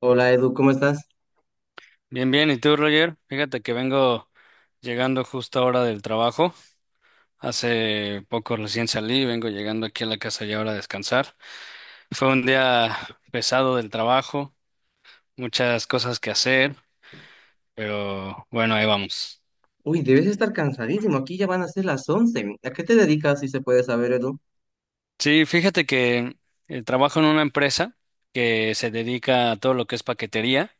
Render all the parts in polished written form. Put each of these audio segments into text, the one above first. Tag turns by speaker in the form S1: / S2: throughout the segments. S1: Hola Edu, ¿cómo estás?
S2: Bien, bien. ¿Y tú, Roger? Fíjate que vengo llegando justo ahora del trabajo. Hace poco recién salí, vengo llegando aquí a la casa ya ahora a descansar. Fue un día pesado del trabajo, muchas cosas que hacer, pero bueno, ahí vamos.
S1: Uy, debes estar cansadísimo, aquí ya van a ser las 11. ¿A qué te dedicas, si se puede saber, Edu?
S2: Sí, fíjate que trabajo en una empresa que se dedica a todo lo que es paquetería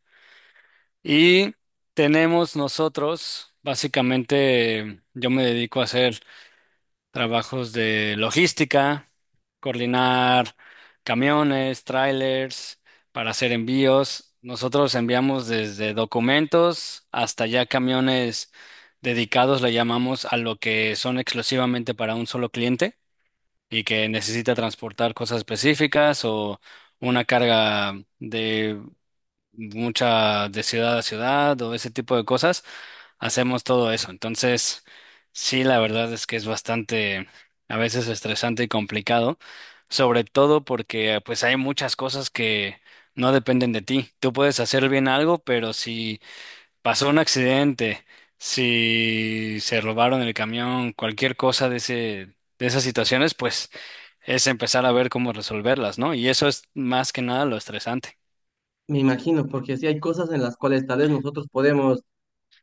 S2: y tenemos nosotros, básicamente, yo me dedico a hacer trabajos de logística, coordinar camiones, trailers para hacer envíos. Nosotros enviamos desde documentos hasta ya camiones dedicados, le llamamos a lo que son exclusivamente para un solo cliente y que necesita transportar cosas específicas o una carga de mucha de ciudad a ciudad o ese tipo de cosas hacemos todo eso. Entonces, sí, la verdad es que es bastante, a veces estresante y complicado, sobre todo porque pues hay muchas cosas que no dependen de ti. Tú puedes hacer bien algo, pero si pasó un accidente, si se robaron el camión, cualquier cosa de ese de esas situaciones, pues es empezar a ver cómo resolverlas, ¿no? Y eso es más que nada lo estresante.
S1: Me imagino, porque sí hay cosas en las cuales tal vez nosotros podemos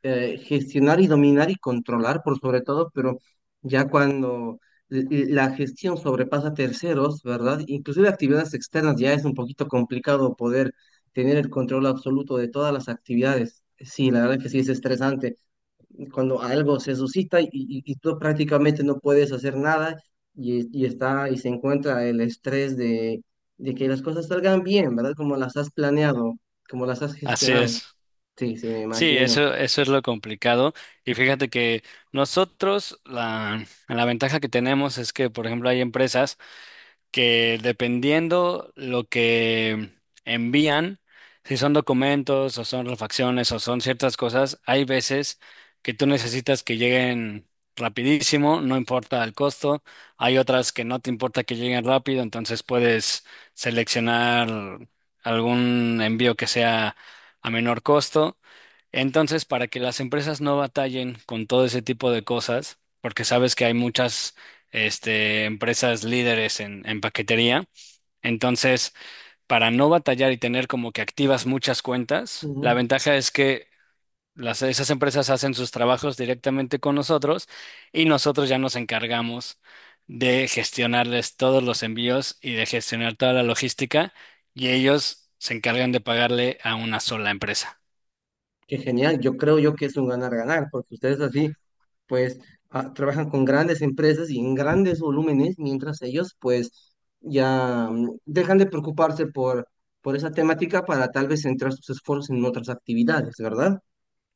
S1: gestionar y dominar y controlar, por sobre todo, pero ya cuando la gestión sobrepasa terceros, ¿verdad? Inclusive actividades externas ya es un poquito complicado poder tener el control absoluto de todas las actividades. Sí, la verdad que sí es estresante. Cuando algo se suscita y tú prácticamente no puedes hacer nada y está y se encuentra el estrés de que las cosas salgan bien, ¿verdad? Como las has planeado, como las has
S2: Así
S1: gestionado.
S2: es.
S1: Sí, sí, me
S2: Sí,
S1: imagino.
S2: eso es lo complicado. Y fíjate que nosotros, la ventaja que tenemos es que, por ejemplo, hay empresas que dependiendo lo que envían, si son documentos o son refacciones o son ciertas cosas, hay veces que tú necesitas que lleguen rapidísimo, no importa el costo, hay otras que no te importa que lleguen rápido, entonces puedes seleccionar algún envío que sea a menor costo. Entonces, para que las empresas no batallen con todo ese tipo de cosas, porque sabes que hay muchas este, empresas líderes en paquetería. Entonces, para no batallar y tener como que activas muchas cuentas, la
S1: Ujú.
S2: ventaja es que las, esas empresas hacen sus trabajos directamente con nosotros y nosotros ya nos encargamos de gestionarles todos los envíos y de gestionar toda la logística y ellos se encargan de pagarle a una sola empresa.
S1: Qué genial. Yo creo yo que es un ganar-ganar, porque ustedes así, pues, trabajan con grandes empresas y en grandes volúmenes, mientras ellos, pues, ya dejan de preocuparse por esa temática para tal vez centrar sus esfuerzos en otras actividades, ¿verdad?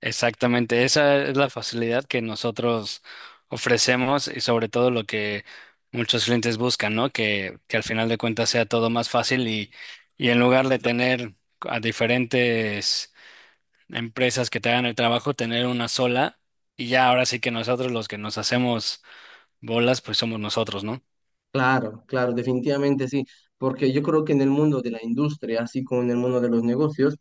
S2: Exactamente, esa es la facilidad que nosotros ofrecemos y sobre todo lo que muchos clientes buscan, ¿no? Que al final de cuentas sea todo más fácil y en lugar de tener a diferentes empresas que te hagan el trabajo, tener una sola y ya ahora sí que nosotros los que nos hacemos bolas, pues somos nosotros, ¿no?
S1: Claro, claro, definitivamente sí, porque yo creo que en el mundo de la industria, así como en el mundo de los negocios,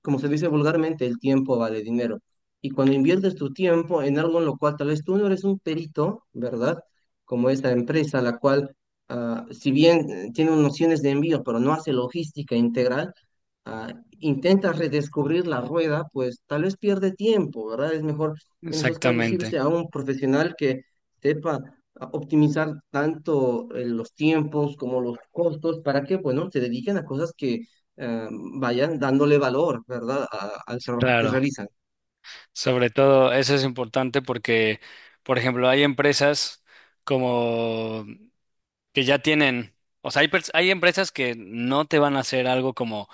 S1: como se dice vulgarmente, el tiempo vale dinero. Y cuando inviertes tu tiempo en algo en lo cual tal vez tú no eres un perito, ¿verdad? Como esta empresa, la cual, si bien tiene nociones de envío, pero no hace logística integral, ah, intenta redescubrir la rueda, pues tal vez pierde tiempo, ¿verdad? Es mejor en esos casos irse
S2: Exactamente,
S1: a un profesional que sepa optimizar tanto los tiempos como los costos. Para que, bueno, se dediquen a cosas que eh, vayan dándole valor, ¿verdad?, al trabajo que
S2: claro.
S1: realizan.
S2: Sobre todo eso es importante porque, por ejemplo, hay empresas como que ya tienen, o sea, hay empresas que no te van a hacer algo como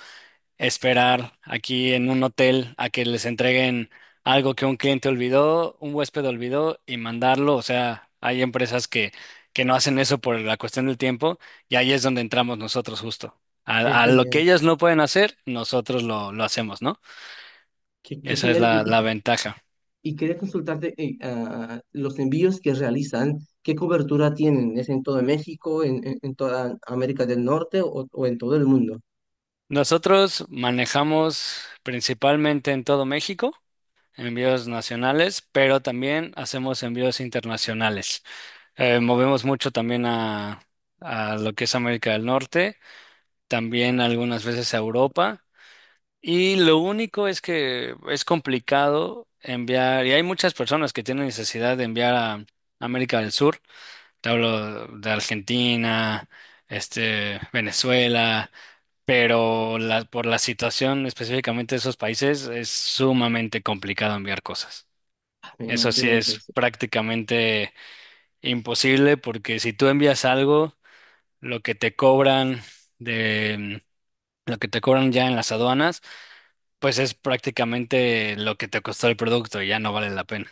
S2: esperar aquí en un hotel a que les entreguen algo que un cliente olvidó, un huésped olvidó y mandarlo, o sea, hay empresas que no hacen eso por la cuestión del tiempo y ahí es donde entramos nosotros justo.
S1: Qué
S2: A lo que
S1: genial,
S2: ellos no pueden hacer, nosotros lo hacemos, ¿no?
S1: qué
S2: Esa es
S1: genial.
S2: la,
S1: Y, y-
S2: la ventaja.
S1: y quería consultarte, los envíos que realizan, ¿qué cobertura tienen? ¿Es en todo México, en toda América del Norte o en todo el mundo?
S2: Nosotros manejamos principalmente en todo México, envíos nacionales, pero también hacemos envíos internacionales. Movemos mucho también a lo que es América del Norte, también algunas veces a Europa. Y lo único es que es complicado enviar, y hay muchas personas que tienen necesidad de enviar a América del Sur. Te hablo de Argentina, este, Venezuela, pero por la situación específicamente de esos países es sumamente complicado enviar cosas.
S1: Me
S2: Eso sí
S1: imagino que…
S2: es prácticamente imposible porque si tú envías algo, lo que te cobran de lo que te cobran ya en las aduanas, pues es prácticamente lo que te costó el producto y ya no vale la pena.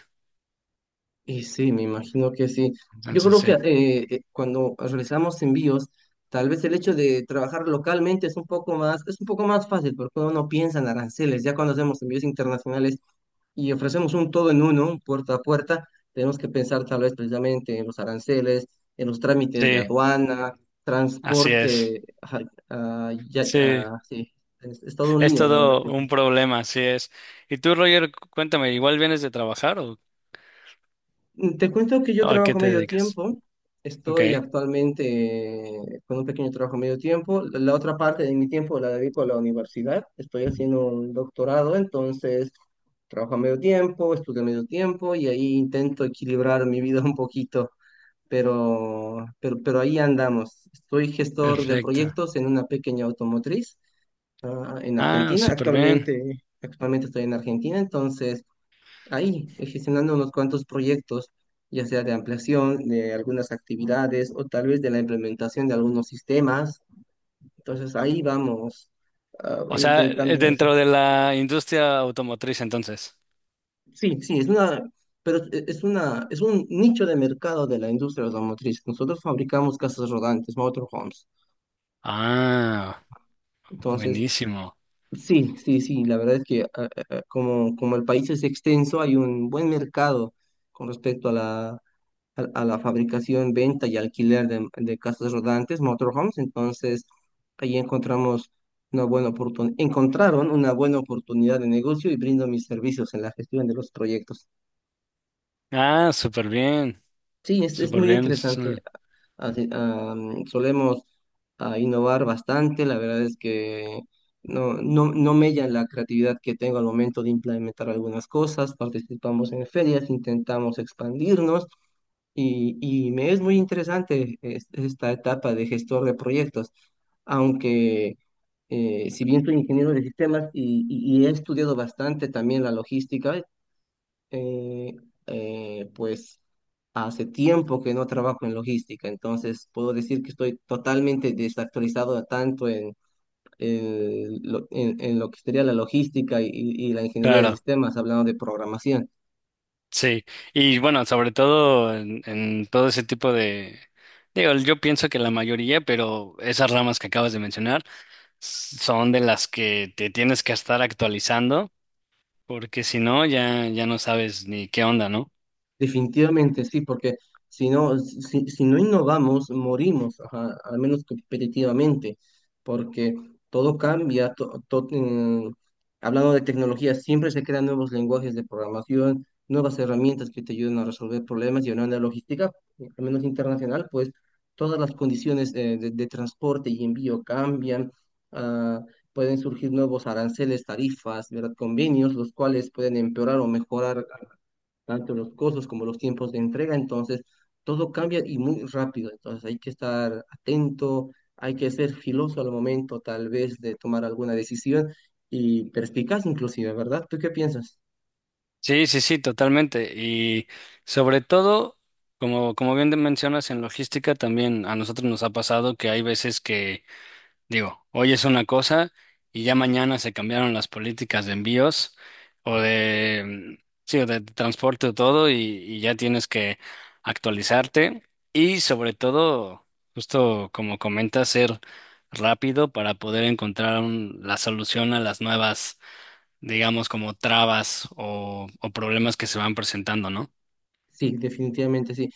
S1: Y sí, me imagino que sí. Yo
S2: Entonces
S1: creo que
S2: sí.
S1: cuando realizamos envíos, tal vez el hecho de trabajar localmente es un poco más fácil porque uno no piensa en aranceles. Ya cuando hacemos envíos internacionales y ofrecemos un todo en uno, un puerta a puerta, tenemos que pensar tal vez precisamente en los aranceles, en los trámites de
S2: Sí,
S1: aduana,
S2: así es.
S1: transporte. Ajá, ya,
S2: Sí,
S1: sí, es todo un
S2: es
S1: lío, la verdad.
S2: todo un problema, así es. Y tú, Roger, cuéntame, ¿igual vienes de trabajar o
S1: Te cuento que yo
S2: a qué
S1: trabajo
S2: te
S1: medio
S2: dedicas?
S1: tiempo.
S2: Ok,
S1: Estoy actualmente con un pequeño trabajo medio tiempo. La otra parte de mi tiempo la dedico a la universidad. Estoy haciendo un doctorado, entonces trabajo a medio tiempo, estudio a medio tiempo y ahí intento equilibrar mi vida un poquito. Pero ahí andamos. Soy gestor de
S2: perfecto.
S1: proyectos en una pequeña automotriz, en
S2: Ah,
S1: Argentina.
S2: súper bien.
S1: Actualmente estoy en Argentina, entonces ahí, gestionando unos cuantos proyectos, ya sea de ampliación de algunas actividades o tal vez de la implementación de algunos sistemas. Entonces ahí vamos
S2: O sea,
S1: intentando avanzar.
S2: dentro de la industria automotriz, entonces.
S1: Sí, sí, es una, pero es un nicho de mercado de la industria automotriz. Nosotros fabricamos casas rodantes, motorhomes.
S2: Ah,
S1: Entonces,
S2: buenísimo.
S1: sí, sí, sí, la verdad es que como el país es extenso, hay un buen mercado con respecto a la a la fabricación, venta y alquiler de casas rodantes, motorhomes. Entonces, ahí encontramos una buena oportunidad, encontraron una buena oportunidad de negocio y brindo mis servicios en la gestión de los proyectos.
S2: Ah, súper bien,
S1: Sí, es
S2: súper
S1: muy
S2: bien. Es
S1: interesante.
S2: una
S1: Así, solemos innovar bastante, la verdad es que. No, no, no mella la creatividad que tengo al momento de implementar algunas cosas, participamos en ferias, intentamos expandirnos. Y me es muy interesante esta etapa de gestor de proyectos, aunque si bien soy ingeniero de sistemas y he estudiado bastante también la logística, eh, pues hace tiempo que no trabajo en logística, entonces puedo decir que estoy totalmente desactualizado tanto en lo que sería la logística y la ingeniería de
S2: Claro,
S1: sistemas, hablando de programación.
S2: sí. Y bueno, sobre todo en todo ese tipo de. Digo, yo pienso que la mayoría, pero esas ramas que acabas de mencionar son de las que te tienes que estar actualizando, porque si no, ya, ya no sabes ni qué onda, ¿no?
S1: Definitivamente sí, porque si no, si no innovamos, morimos, ajá, al menos competitivamente, porque todo cambia. Hablando de tecnología, siempre se crean nuevos lenguajes de programación, nuevas herramientas que te ayudan a resolver problemas, y hablando de logística, al menos internacional, pues todas las condiciones de transporte y envío cambian. ah, pueden surgir nuevos aranceles, tarifas, ¿verdad? Convenios, los cuales pueden empeorar o mejorar tanto los costos como los tiempos de entrega. Entonces todo cambia y muy rápido, entonces hay que estar atento, hay que ser filoso al momento tal vez de tomar alguna decisión y perspicaz inclusive, ¿verdad? ¿Tú qué piensas?
S2: Sí, sí, sí, totalmente. Y sobre todo, como, como bien te mencionas en logística, también a nosotros nos ha pasado que hay veces que digo, hoy es una cosa y ya mañana se cambiaron las políticas de envíos o de, mm, sí, o de transporte o todo y ya tienes que actualizarte y sobre todo, justo como comentas, ser rápido para poder encontrar la solución a las nuevas, digamos, como trabas o problemas que se van presentando, ¿no?
S1: Sí, definitivamente sí.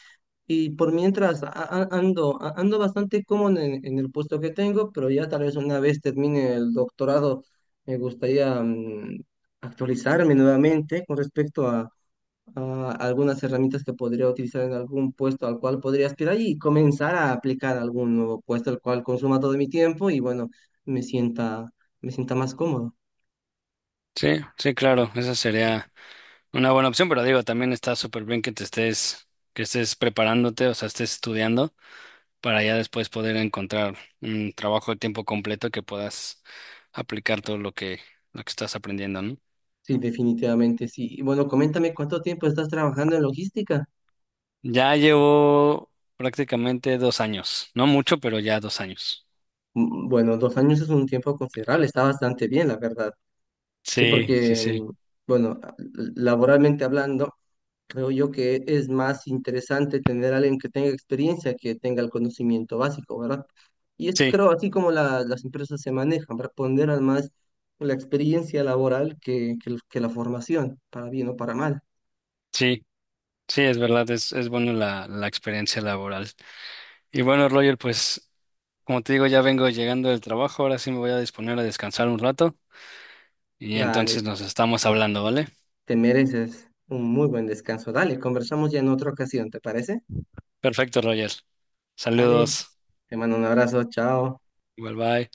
S1: Y por mientras ando bastante cómodo en el puesto que tengo, pero ya tal vez una vez termine el doctorado, me gustaría actualizarme nuevamente con respecto a algunas herramientas que podría utilizar en algún puesto al cual podría aspirar y comenzar a aplicar algún nuevo puesto al cual consuma todo mi tiempo y bueno, me sienta, me sienta más cómodo.
S2: Sí, sí, claro, esa sería una buena opción, pero digo, también está súper bien que te estés, que estés preparándote, o sea, estés estudiando para ya después poder encontrar un trabajo de tiempo completo que puedas aplicar todo lo que estás aprendiendo, ¿no?
S1: Sí, definitivamente sí. Y bueno, coméntame cuánto tiempo estás trabajando en logística.
S2: Ya llevo prácticamente 2 años, no mucho, pero ya 2 años.
S1: Bueno, 2 años es un tiempo considerable, está bastante bien, la verdad. Sí,
S2: Sí, sí,
S1: porque,
S2: sí,
S1: bueno, laboralmente hablando, creo yo que es más interesante tener a alguien que tenga experiencia que tenga el conocimiento básico, ¿verdad? Y es,
S2: sí,
S1: creo, así como las empresas se manejan, para ponderan más la experiencia laboral que, que la formación, para bien o para mal.
S2: sí, sí, es verdad, es bueno la experiencia laboral. Y bueno, Roger, pues como te digo, ya vengo llegando del trabajo, ahora sí me voy a disponer a descansar un rato y entonces
S1: Dale,
S2: nos estamos hablando, ¿vale?
S1: te mereces un muy buen descanso. Dale, conversamos ya en otra ocasión, ¿te parece?
S2: Perfecto, Roger.
S1: Dale,
S2: Saludos.
S1: te mando un abrazo, chao.
S2: Igual, bye.